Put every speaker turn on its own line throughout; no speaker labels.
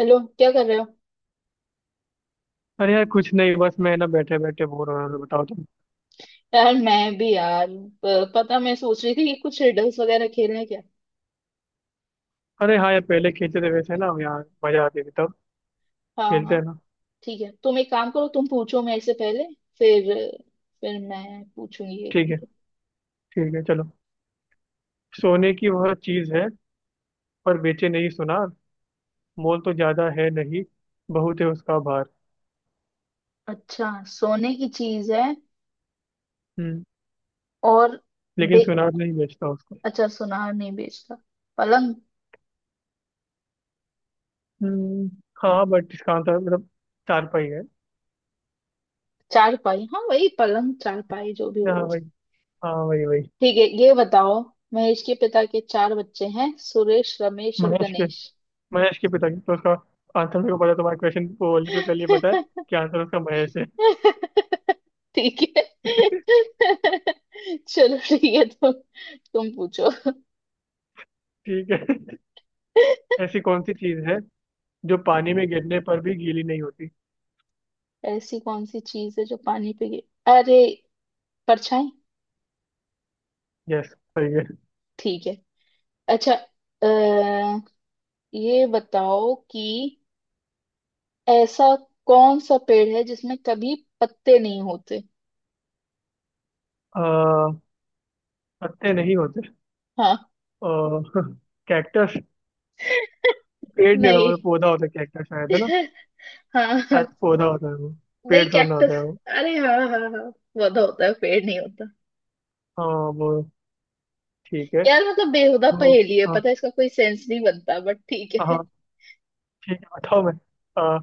Hello, क्या कर रहे हो?
अरे यार, कुछ नहीं। बस मैं ना बैठे बैठे बोर हो रहा था। बताओ तुम।
यार मैं भी यार, पता मैं सोच रही थी कि कुछ रिडल्स वगैरह खेल रहे क्या?
अरे हाँ यार, पहले खेलते थे वैसे ना यार। मजा आती थी तब।
हाँ
खेलते हैं
हाँ।
ना।
ठीक है, तुम एक काम करो, तुम पूछो मेरे से पहले। फिर फिर मैं पूछूंगी एक।
ठीक है।
ठीक है।
ठीक है, चलो। सोने की वह चीज है, पर बेचे नहीं सुनार। मोल तो ज्यादा है नहीं, बहुत है उसका भार।
अच्छा, सोने की चीज है।
हम्म।
और।
लेकिन
बे
सुनार नहीं बेचता उसको।
अच्छा, सुनार नहीं बेचता। पलंग।
हम्म। हाँ, बट इसका आंसर मतलब चारपाई है।
चारपाई, हाँ वही पलंग चारपाई जो भी बोलो
हाँ भाई।
उसको।
हाँ, वही वही।
ठीक है, ये बताओ। महेश के पिता के चार बच्चे हैं, सुरेश, रमेश और
महेश के
गणेश।
महेश के पिताजी तो, उसका आंसर मेरे को पता है, तुम्हारे क्वेश्चन को बोलने से पहले ही पता है कि आंसर उसका महेश है।
ठीक है। चलो ठीक है, तुम पूछो।
ठीक है। ऐसी कौन सी चीज है जो पानी में गिरने पर भी गीली नहीं होती?
ऐसी कौन सी चीज है जो पानी पे गिर अरे, परछाई।
यस, सही है।
ठीक है। अच्छा। अ, ये बताओ कि ऐसा कौन सा पेड़ है जिसमें कभी पत्ते नहीं होते?
आ, पत्ते नहीं होते।
हाँ।
कैक्टस। पेड़ नहीं होता
नहीं।
मतलब, पौधा होता है कैक्टस शायद, है ना।
हाँ
शायद
हाँ।
पौधा होता है वो।
नहीं
पेड़ थोड़ा ना होता
कैक्टस।
है वो।
अरे हाँ हाँ हाँ, पौधा होता है, पेड़ नहीं होता।
हाँ। वो ठीक है।
यार मतलब बेहुदा
तो
पहेली है
हाँ
पता है, इसका कोई सेंस नहीं बनता बट ठीक है।
हाँ। ठीक है, बताओ मैं। आ,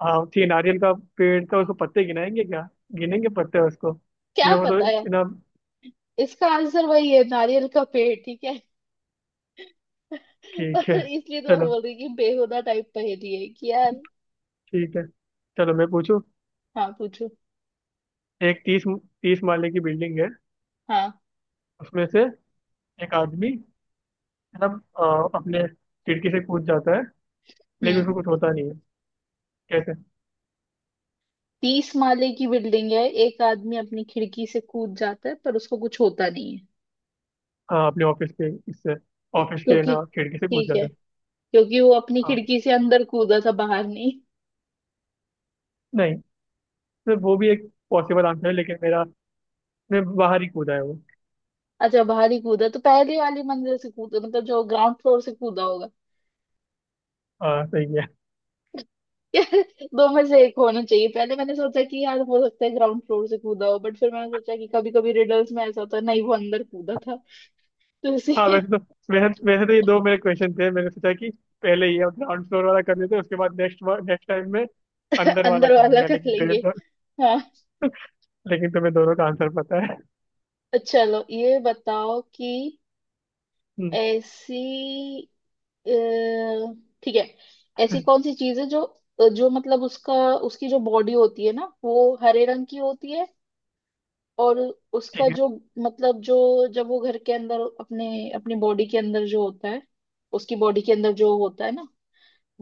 हाँ ठीक है, नारियल का पेड़ तो उसको पत्ते गिनाएंगे क्या, गिनेंगे पत्ते उसको। ठीक है,
क्या
वो तो
पता है,
इतना।
इसका आंसर वही है, नारियल का पेड़। ठीक है।
ठीक
पर
है,
इसलिए तो मैं
चलो।
बोल रही कि बेहुदा टाइप पहेली है कि यार।
ठीक है, चलो मैं पूछूं।
हाँ पूछो।
एक, तीस तीस माले की बिल्डिंग है।
हाँ।
उसमें से एक आदमी मतलब अपने खिड़की से कूद जाता है, लेकिन
हम्म।
उसको कुछ होता नहीं है। कैसे?
तीस माले की बिल्डिंग है, एक आदमी अपनी खिड़की से कूद जाता है पर उसको कुछ होता नहीं है।
हाँ, अपने ऑफिस के
क्योंकि,
ना खिड़की से कूद
ठीक
जाता
है,
है।
क्योंकि वो अपनी
हाँ।
खिड़की से अंदर कूदा था, बाहर नहीं।
नहीं, तो वो भी एक पॉसिबल आंसर है, लेकिन मेरा मैं बाहर ही कूदा है वो।
अच्छा, बाहर ही कूदा तो पहले वाली मंजिल से कूदा, मतलब जो ग्राउंड फ्लोर से कूदा होगा।
हाँ, सही है।
यार, दो में से एक होना चाहिए। पहले मैंने सोचा कि यार हो सकता है ग्राउंड फ्लोर से कूदा हो, बट फिर मैंने सोचा कि कभी कभी रिडल्स में ऐसा होता है, नहीं, वो अंदर कूदा था तो इसे।
हाँ वैसे तो ये दो मेरे क्वेश्चन थे। मैंने सोचा कि पहले ये ग्राउंड फ्लोर वाला कर लेते हैं, उसके बाद नेक्स्ट नेक्स्ट टाइम में अंदर वाला
अंदर वाला
करूंगा,
कर
लेकिन तेरे
लेंगे।
तो।
हाँ।
लेकिन तुम्हें दोनों का आंसर पता है।
अच्छा, चलो ये बताओ कि
हम्म।
ऐसी अ, ठीक है, ऐसी कौन सी चीज है जो, जो मतलब उसका उसकी जो बॉडी होती है ना, वो हरे रंग की होती है, और उसका
ठीक है।
जो मतलब, जो जब वो घर के अंदर अपने अपनी बॉडी के अंदर जो होता है, उसकी बॉडी के अंदर जो होता है ना,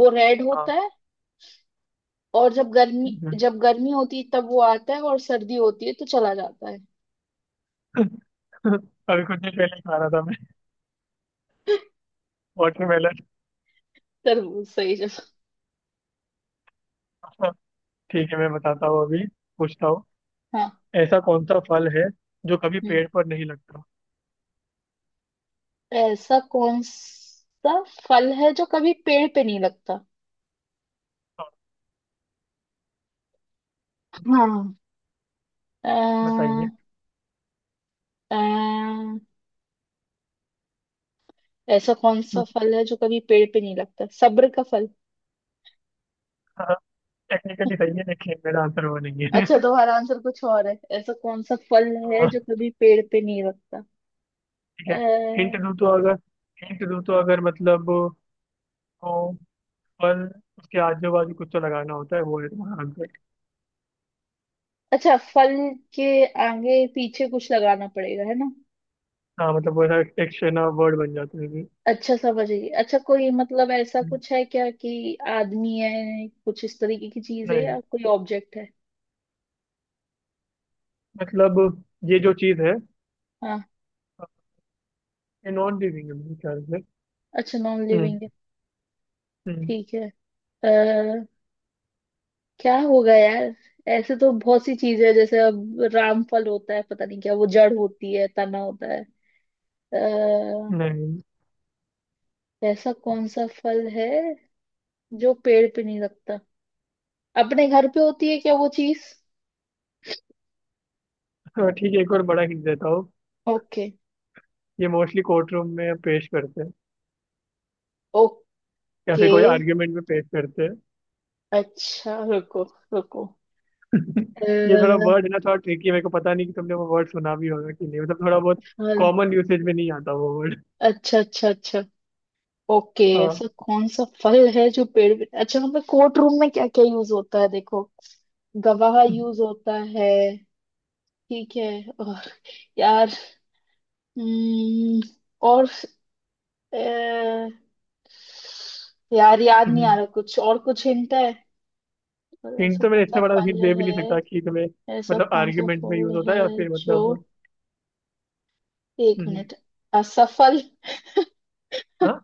वो रेड
हाँ,
होता है। और
ठीक है।
जब गर्मी होती है तब वो आता है, और सर्दी होती है तो चला जाता है।
अभी कुछ देर पहले ही खा रहा था मैं वाटरमेलन।
तरबूज। सही जगह।
ठीक है, मैं बताता हूँ अभी। पूछता हूँ।
हाँ।
ऐसा कौन सा फल है जो कभी
हम्म।
पेड़ पर नहीं लगता?
ऐसा कौन सा फल है जो कभी पेड़ पे नहीं लगता?
हाँ,
हाँ। अ,
बताइए।
अ, ऐसा कौन सा फल है जो कभी पेड़ पे नहीं लगता? सब्र का फल।
टेक्निकली सही है, लेकिन मेरा आंसर वो नहीं है।
अच्छा, तुम्हारा आंसर कुछ और है? ऐसा कौन सा फल है
हाँ,
जो कभी पेड़ पे नहीं लगता?
ठीक
अ,
है। हिंट दूँ तो अगर हिंट दूँ तो अगर मतलब, वो फल, उसके आजू बाजू कुछ तो लगाना होता है, वो है तुम्हारा आंसर।
अच्छा, फल के आगे पीछे कुछ लगाना पड़ेगा है ना?
हाँ मतलब, वो ऐसा एक शेना वर्ड बन जाता है फिर।
अच्छा समझ गई। अच्छा, कोई मतलब ऐसा कुछ है क्या कि आदमी है, कुछ इस तरीके की चीज है,
नहीं
या कोई ऑब्जेक्ट है?
मतलब, ये जो चीज़ है,
हाँ।
ये नॉन लिविंग है मेरे ख्याल से।
अच्छा नॉन
हम्म।
लिविंग है।
हम्म।
ठीक है। अ, क्या होगा यार? ऐसे तो बहुत सी चीजें हैं, जैसे अब रामफल होता है, पता नहीं क्या। वो जड़ होती है, तना होता है। अः
नहीं।
ऐसा कौन सा फल है जो पेड़ पे नहीं लगता? अपने घर पे होती है क्या वो चीज?
हाँ, ठीक है, एक और बड़ा हिंट देता हूँ।
ओके।
ये मोस्टली कोर्ट रूम में पेश करते हैं।
ओके।
या फिर कोई आर्ग्यूमेंट में पेश करते हैं।
अच्छा रुको, रुको।
ये थोड़ा
अ,
वर्ड है ना, थोड़ा ट्रिकी है। मेरे को पता नहीं कि तुमने वो वर्ड सुना भी होगा कि नहीं, मतलब थोड़ा बहुत
फल।
कॉमन यूसेज में नहीं आता वो वर्ड।
अच्छा, अच्छा, अच्छा। ओके,
हाँ,
ऐसा कौन सा फल है जो पेड़ पे अच्छा, हमें कोर्ट रूम में क्या क्या यूज होता है देखो? गवाह यूज होता है। ठीक है। और यार। हम्म, और अ, यार याद नहीं आ रहा, कुछ और कुछ हिंट है? और
हिंट
ऐसा
तो
कौन
मैंने
सा
इससे बड़ा हिंट
फल
दे भी नहीं सकता
है?
कि तुम्हें।
ऐसा
मतलब
कौन सा
आर्ग्यूमेंट में यूज
फल
होता है या
है
फिर
जो,
मतलब।
एक
हम्म।
मिनट, असफल।
हाँ।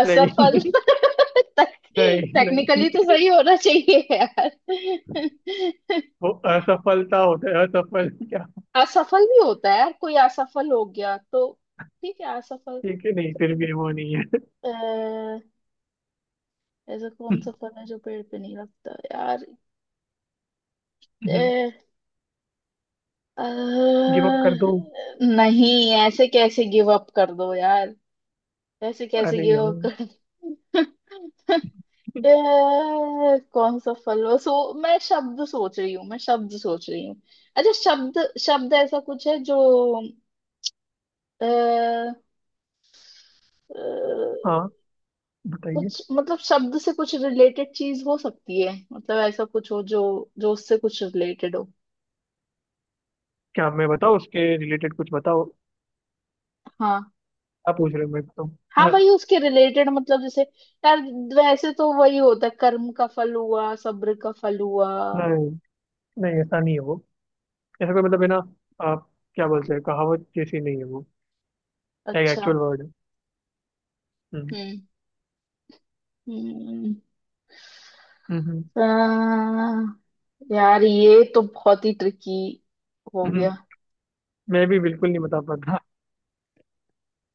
असफल।
नहीं।
टेक,
नहीं, नहीं,
टेक्निकली तो सही होना चाहिए यार।
वो असफलता होता है, असफल क्या।
असफल भी होता है यार, कोई असफल हो गया तो। ठीक है, असफल।
ठीक है, नहीं, फिर भी वो नहीं है।
अह, ऐसा कौन सा फल है जो पेड़ पे नहीं लगता यार? अह,
गिव अप कर
अह,
दूं?
नहीं ऐसे कैसे गिव अप कर दो यार? ऐसे कैसे
अरे
गिव
यार।
अप कर दो? कौन सा फल हो सो, मैं शब्द सोच रही हूँ, मैं शब्द सोच रही हूँ। अच्छा शब्द। शब्द ऐसा कुछ है जो अ, अ,
हाँ, बताइए।
कुछ मतलब शब्द से कुछ रिलेटेड चीज हो सकती है, मतलब ऐसा कुछ हो जो, जो उससे कुछ रिलेटेड हो।
क्या मैं बताऊँ उसके रिलेटेड, कुछ बताओ।
हाँ।
क्या पूछ रहे हो मेरे को तुम?
हाँ वही,
हाँ।
उसके रिलेटेड मतलब जैसे, यार वैसे तो वही होता है, कर्म का फल हुआ, सब्र का फल हुआ।
नहीं, नहीं, ऐसा नहीं है वो। ऐसा कोई मतलब है ना, आप क्या बोलते हैं, कहावत जैसी नहीं है वो। एक
अच्छा।
एक्चुअल वर्ड है। हम्म।
हम्म।
हम्म। हम्म।
हम्म। यार ये तो बहुत ही ट्रिकी हो
हम्म।
गया।
मैं भी बिल्कुल नहीं बता पाता।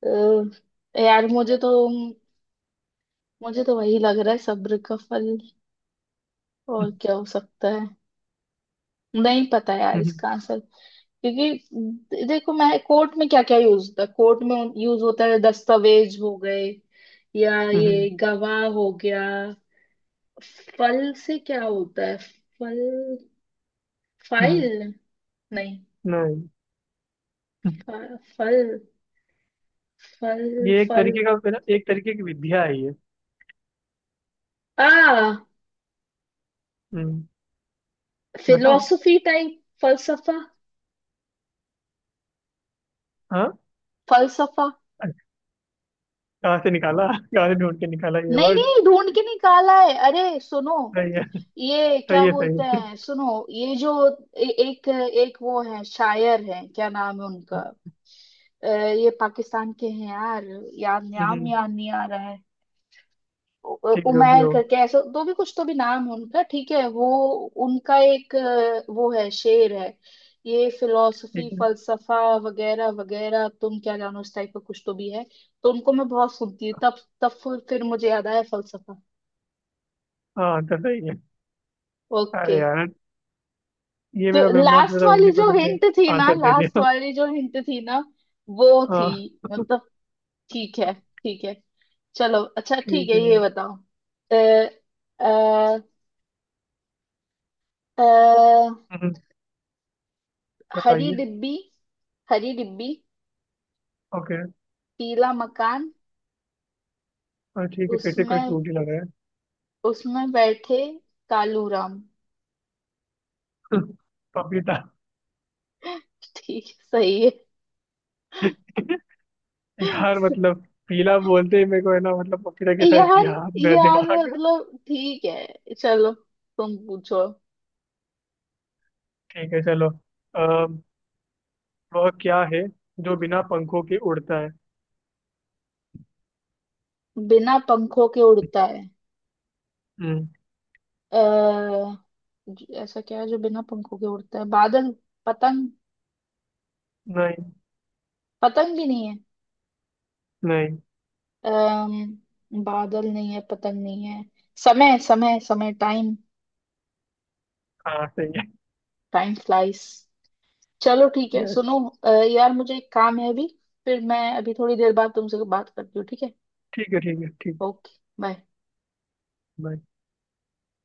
यार मुझे तो वही लग रहा है सब्र का फल। और
हम्म।
क्या हो सकता है? नहीं पता यार
हम्म।
इसका आंसर। क्योंकि देखो, मैं कोर्ट में क्या क्या यूज होता है, कोर्ट में यूज होता है? दस्तावेज हो गए, या
हम्म।
ये गवाह हो गया। फल से क्या होता है? फल,
हम्म।
फाइल, नहीं।
नहीं। हम्म।
फल, फल,
ये एक
फल।
तरीके का है ना, एक तरीके की विद्या है ये।
आ
हम्म। बताओ।
Philosophy type, फलसफा।
हाँ।
फलसफा।
कहाँ से ढूंढ के निकाला ये
नहीं
वर्ड?
नहीं ढूंढ के निकाला है, अरे सुनो।
सही है।
ये
सही
क्या
है। सही
बोलते
है।
हैं, सुनो, ये जो एक एक वो है शायर है, क्या नाम है उनका?
हम्म।
अ, ये पाकिस्तान के हैं यार। याद, नाम
हम्म।
याद नहीं आ रहा।
ठीक है, जो भी
उमैर
हो।
करके ऐसा दो भी कुछ तो भी नाम है उनका, ठीक है वो। उनका एक, वो है, शेर है, ये फिलोसफी,
ठीक है।
फलसफा वगैरह वगैरह, तुम क्या जानो इस टाइप का कुछ तो भी है। तो उनको मैं बहुत सुनती हूँ, तब तब फिर मुझे याद आया फलसफा।
हाँ, तो सही है।
ओके।
अरे यार, ये
तो
मेरा
लास्ट
ब्रह्मास्त्र
वाली
होने का,
जो
तुमने
हिंट थी ना,
आंसर दे
लास्ट
दिया।
वाली जो हिंट थी ना, वो थी
हाँ,
मतलब, ठीक है, ठीक है चलो, अच्छा ठीक
ठीक
है, ये
है।
बताओ। अ, अ, अ,
हम्म।
हरी
बताइए।
डिब्बी। हरी डिब्बी,
ओके।
पीला मकान,
हाँ, ठीक है, फिर से कोई
उसमें
फ्रूट ही लगा है।
उसमें बैठे कालू राम।
पपीता।
ठीक, सही है।
यार
स-
मतलब, पीला बोलते ही मेरे को है ना, मतलब पपीता के साथ
यार,
गया मेरा
यार
दिमाग।
मतलब ठीक है चलो, तुम पूछो।
ठीक है, चलो। आ, वह क्या है जो बिना पंखों के उड़ता है?
बिना पंखों के उड़ता है?
हम्म।
अः ऐसा क्या है जो बिना पंखों के उड़ता है? बादल? पतंग?
नहीं।
पतंग भी नहीं है।
नहीं।
अः बादल नहीं है, पतंग नहीं है। समय, समय, समय, टाइम।
हाँ, सही है।
Time flies. चलो ठीक है
यस।
सुनो, यार मुझे एक काम है अभी। फिर मैं अभी थोड़ी देर बाद तुमसे बात करती हूँ, ठीक है?
ठीक है। ठीक है। ठीक है।
ओके। बाय।
Bye.